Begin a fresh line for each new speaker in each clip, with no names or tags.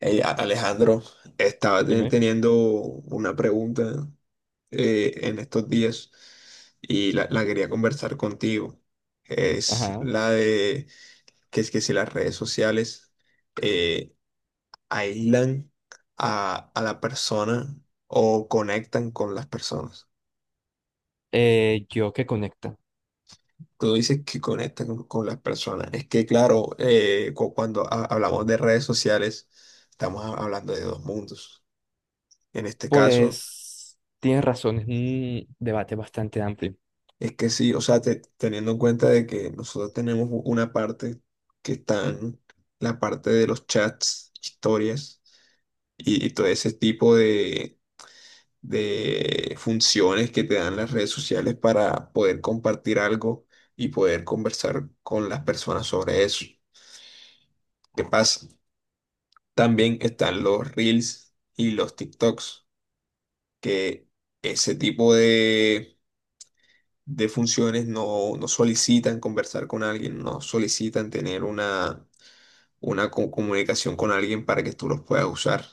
Ey, Alejandro, estaba
Dime.
teniendo una pregunta en estos días y la quería conversar contigo. Es
Ajá.
la de que es que si las redes sociales eh, aíslan a la persona o conectan con las personas.
Yo que conecta.
Tú dices que conectan con las personas. Es que claro, cuando hablamos de redes sociales, estamos hablando de dos mundos. En este caso,
Pues tienes razón, es un debate bastante amplio.
es que sí, o sea, teniendo en cuenta de que nosotros tenemos una parte que están la parte de los chats, historias y todo ese tipo de funciones que te dan las redes sociales para poder compartir algo y poder conversar con las personas sobre eso. ¿Qué pasa? También están los Reels y los TikToks, que ese tipo de funciones no solicitan conversar con alguien, no solicitan tener una comunicación con alguien para que tú los puedas usar.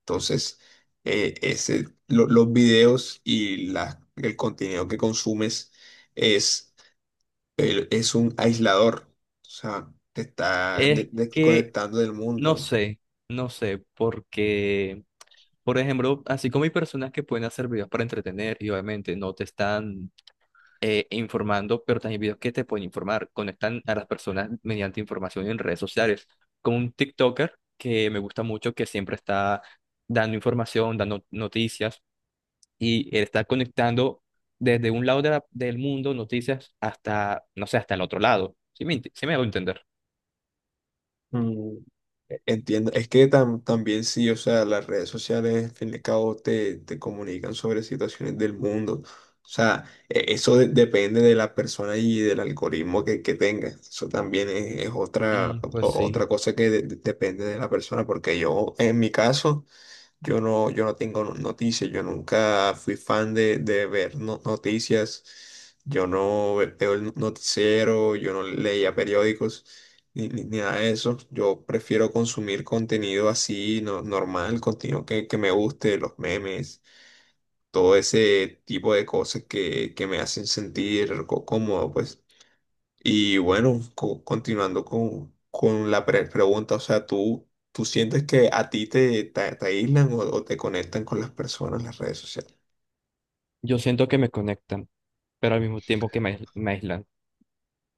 Entonces, ese, los videos y el contenido que consumes es, es un aislador, o sea, te está
Es que
desconectando del
no
mundo.
sé, no sé, porque, por ejemplo, así como hay personas que pueden hacer videos para entretener y obviamente no te están informando, pero también hay videos que te pueden informar, conectan a las personas mediante información en redes sociales, como un TikToker que me gusta mucho, que siempre está dando información, dando noticias. Y él está conectando desde un lado de del mundo noticias hasta, no sé, hasta el otro lado. ¿Sí me, sí me hago entender?
Mm. Entiendo, es que también sí, o sea, las redes sociales, al fin y al cabo, te comunican sobre situaciones del mundo. O sea, eso depende de la persona y del algoritmo que tenga. Eso también es otra,
Mm, pues sí,
otra cosa que depende de la persona, porque yo, en mi caso, yo no tengo noticias, yo nunca fui fan de ver noticias, yo no veo el noticiero, yo no leía periódicos, ni, ni nada de eso. Yo prefiero consumir contenido así, normal, contenido que me guste, los memes, todo ese tipo de cosas que me hacen sentir cómodo, pues. Y bueno, continuando con la pregunta, o sea, ¿tú, tú sientes que a ti te aíslan o te conectan con las personas, las redes sociales?
yo siento que me conectan, pero al mismo tiempo que me, me aíslan,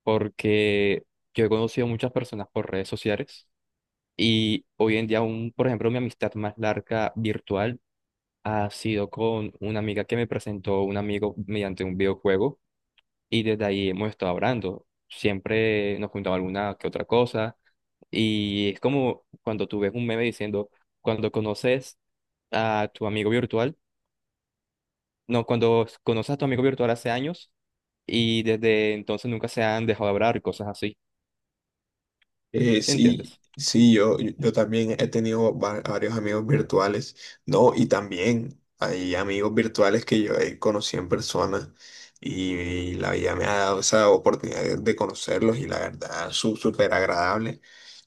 porque yo he conocido muchas personas por redes sociales y hoy en día, un, por ejemplo, mi amistad más larga virtual ha sido con una amiga que me presentó un amigo mediante un videojuego y desde ahí hemos estado hablando. Siempre nos juntamos alguna que otra cosa y es como cuando tú ves un meme diciendo, cuando conoces a tu amigo virtual, no, cuando conoces a tu amigo virtual hace años y desde entonces nunca se han dejado de hablar y cosas así, ¿sí
Sí,
entiendes?
sí, yo también he tenido varios amigos virtuales, ¿no? Y también hay amigos virtuales que yo he conocido en persona y la vida me ha dado esa oportunidad de conocerlos y la verdad, su súper agradable.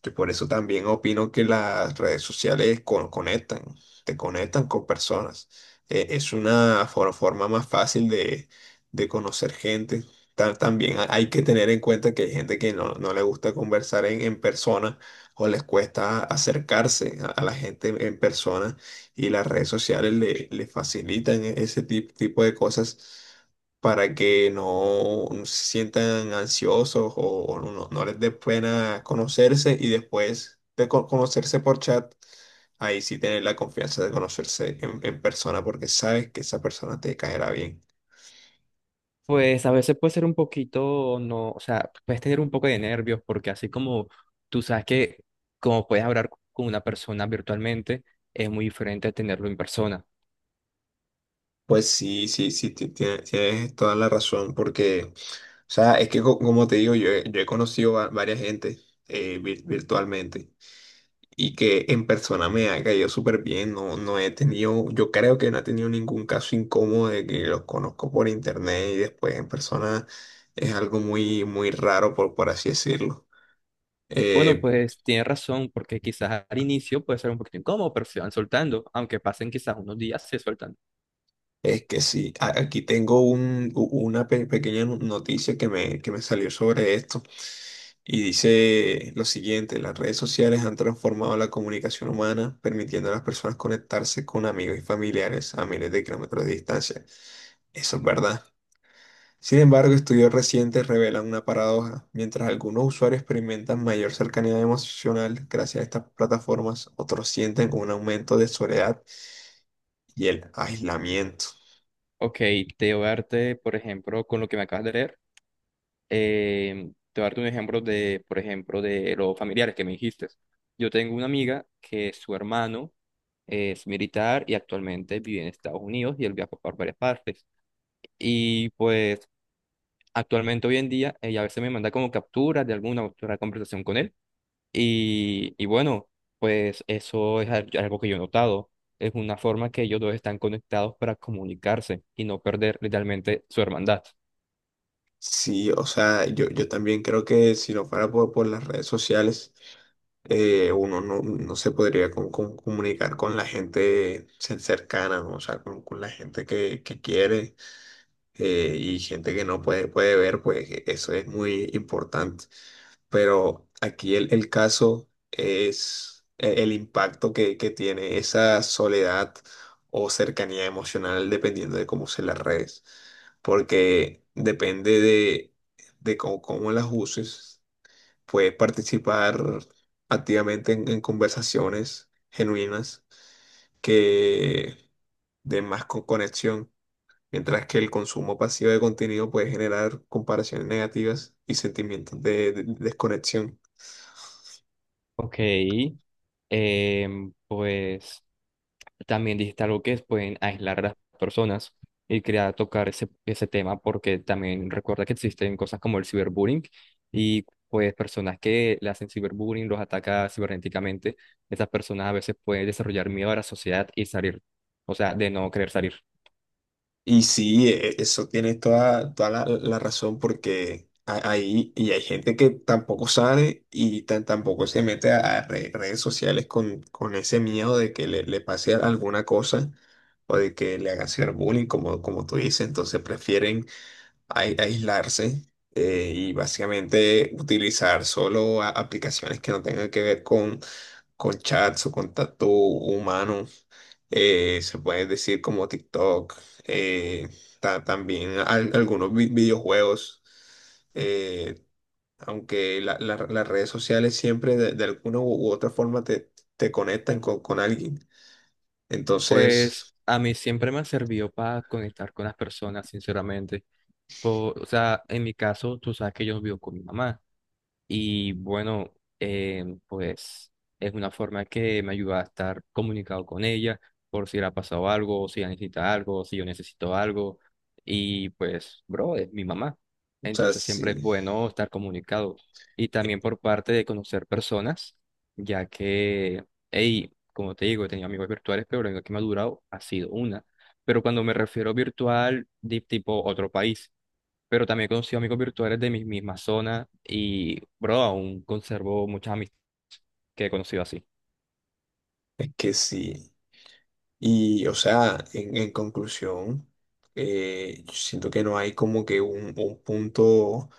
Yo por eso también opino que las redes sociales conectan, te conectan con personas. Es una forma más fácil de conocer gente. También hay que tener en cuenta que hay gente que no, no le gusta conversar en persona o les cuesta acercarse a la gente en persona y las redes sociales le facilitan ese tipo de cosas para que no no se sientan ansiosos o no, no les dé pena conocerse y después de conocerse por chat, ahí sí tener la confianza de conocerse en persona porque sabes que esa persona te caerá bien.
Pues a veces puede ser un poquito, no, o sea, puedes tener un poco de nervios porque así como tú sabes que como puedes hablar con una persona virtualmente, es muy diferente a tenerlo en persona.
Pues sí, sí, sí, tienes toda la razón, porque, o sea, es que como te digo, yo he conocido a varias gente, virtualmente y que en persona me ha caído súper bien. No, no he tenido, yo creo que no he tenido ningún caso incómodo de que los conozco por internet y después en persona es algo muy, muy raro, por así decirlo.
Bueno,
Eh,
pues tiene razón, porque quizás al inicio puede ser un poquito incómodo, pero se van soltando, aunque pasen quizás unos días, se sueltan.
Es que sí, aquí tengo un, una pequeña noticia que me salió sobre esto y dice lo siguiente: las redes sociales han transformado la comunicación humana, permitiendo a las personas conectarse con amigos y familiares a miles de kilómetros de distancia. Eso es verdad. Sin embargo, estudios recientes revelan una paradoja. Mientras algunos usuarios experimentan mayor cercanía emocional gracias a estas plataformas, otros sienten un aumento de soledad y el aislamiento.
Ok, te voy a darte, por ejemplo, con lo que me acabas de leer, te voy a darte un ejemplo de, por ejemplo, de los familiares que me dijiste. Yo tengo una amiga que su hermano es militar y actualmente vive en Estados Unidos y él viaja por varias partes. Y pues actualmente hoy en día, ella a veces me manda como capturas de alguna otra conversación con él. Y bueno, pues eso es algo que yo he notado. Es una forma que ellos dos están conectados para comunicarse y no perder literalmente su hermandad.
Sí, o sea, yo también creo que si no fuera por las redes sociales, uno no, no se podría comunicar con la gente cercana, ¿no? O sea, con la gente que quiere, y gente que no puede, puede ver, pues, e, eso es muy importante. Pero aquí el caso es el impacto que tiene esa soledad o cercanía emocional dependiendo de cómo se las redes, porque depende de cómo, cómo las uses, puedes participar activamente en conversaciones genuinas que den más conexión. Mientras que el consumo pasivo de contenido puede generar comparaciones negativas y sentimientos de de- desconexión.
Ok, pues también dijiste algo que es, pueden aislar a las personas y quería tocar ese tema porque también recuerda que existen cosas como el ciberbullying y pues personas que le hacen ciberbullying, los ataca cibernéticamente, esas personas a veces pueden desarrollar miedo a la sociedad y salir, o sea, de no querer salir.
Y sí, eso tiene toda, toda la, la razón, porque ahí y hay gente que tampoco sabe y tan, tampoco se mete a redes sociales con ese miedo de que le pase alguna cosa o de que le hagan ciberbullying, como, como tú dices. Entonces prefieren aislarse, y básicamente utilizar solo aplicaciones que no tengan que ver con chats o contacto humano, se puede decir como TikTok, eh, también algunos videojuegos, eh, aunque las redes sociales siempre de alguna u otra forma te conectan con alguien.
Pues
Entonces,
a mí siempre me sirvió para conectar con las personas, sinceramente. O sea, en mi caso, tú sabes que yo vivo con mi mamá. Y bueno, pues es una forma que me ayuda a estar comunicado con ella por si le ha pasado algo, o si ella necesita algo, o si yo necesito algo. Y pues, bro, es mi mamá.
o sea,
Entonces siempre
sí,
es bueno estar comunicado. Y
eh,
también por parte de conocer personas, ya que, hey, como te digo, he tenido amigos virtuales, pero la única que me ha durado ha sido una. Pero cuando me refiero virtual, de tipo otro país, pero también conocí amigos virtuales de mi misma zona y, bro, aún conservo muchas amistades que he conocido así.
es que sí. Y, o sea, en conclusión, yo siento que no hay como que un punto, o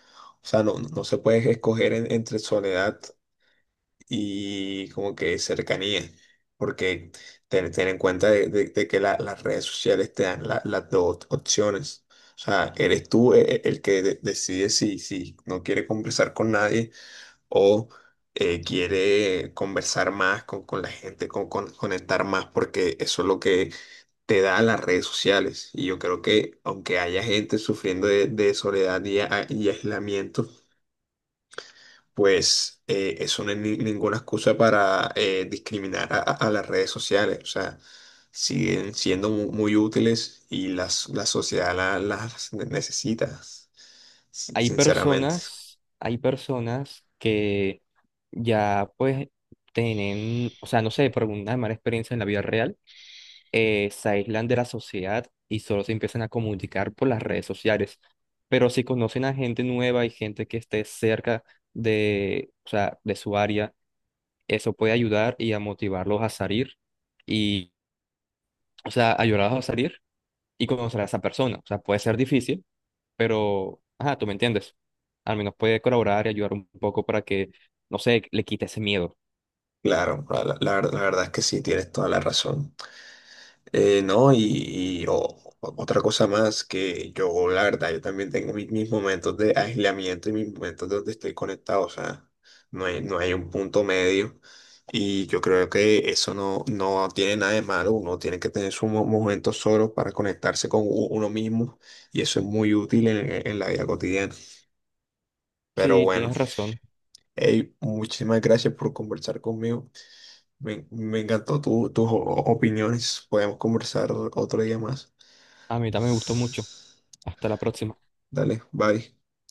sea, no, no se puede escoger entre soledad y como que cercanía, porque ten, ten en cuenta de, de que las redes sociales te dan las dos opciones. O sea, eres tú el que decide si, si no quiere conversar con nadie o, quiere conversar más con la gente, con, conectar más, porque eso es lo que te da las redes sociales. Y yo creo que aunque haya gente sufriendo de soledad y aislamiento, pues, eso no es ninguna excusa para, discriminar a, a las redes sociales. O sea, siguen siendo muy útiles y las, la sociedad las necesita,
Hay
sinceramente.
personas, hay personas que ya pues tienen, o sea, no sé, por alguna mala experiencia en la vida real, se aíslan de la sociedad y solo se empiezan a comunicar por las redes sociales. Pero si conocen a gente nueva y gente que esté cerca de, o sea, de su área, eso puede ayudar y a motivarlos a salir, o sea, ayudarlos a salir y conocer a esa persona. O sea, puede ser difícil, pero, ajá, tú me entiendes. Al menos puede colaborar y ayudar un poco para que, no sé, le quite ese miedo.
Claro, la verdad, es que sí, tienes toda la razón. No, y, otra cosa más que yo, la verdad, yo también tengo mis, mis momentos de aislamiento y mis momentos donde estoy conectado, o sea, no hay un punto medio y yo creo que eso no tiene nada de malo, uno tiene que tener sus momentos solos para conectarse con uno mismo y eso es muy útil en, en la vida cotidiana. Pero
Sí,
bueno,
tienes razón.
hey, muchísimas gracias por conversar conmigo, me encantó tus opiniones, podemos conversar otro día más.
A mí también me gustó mucho. Hasta la próxima.
Dale, bye.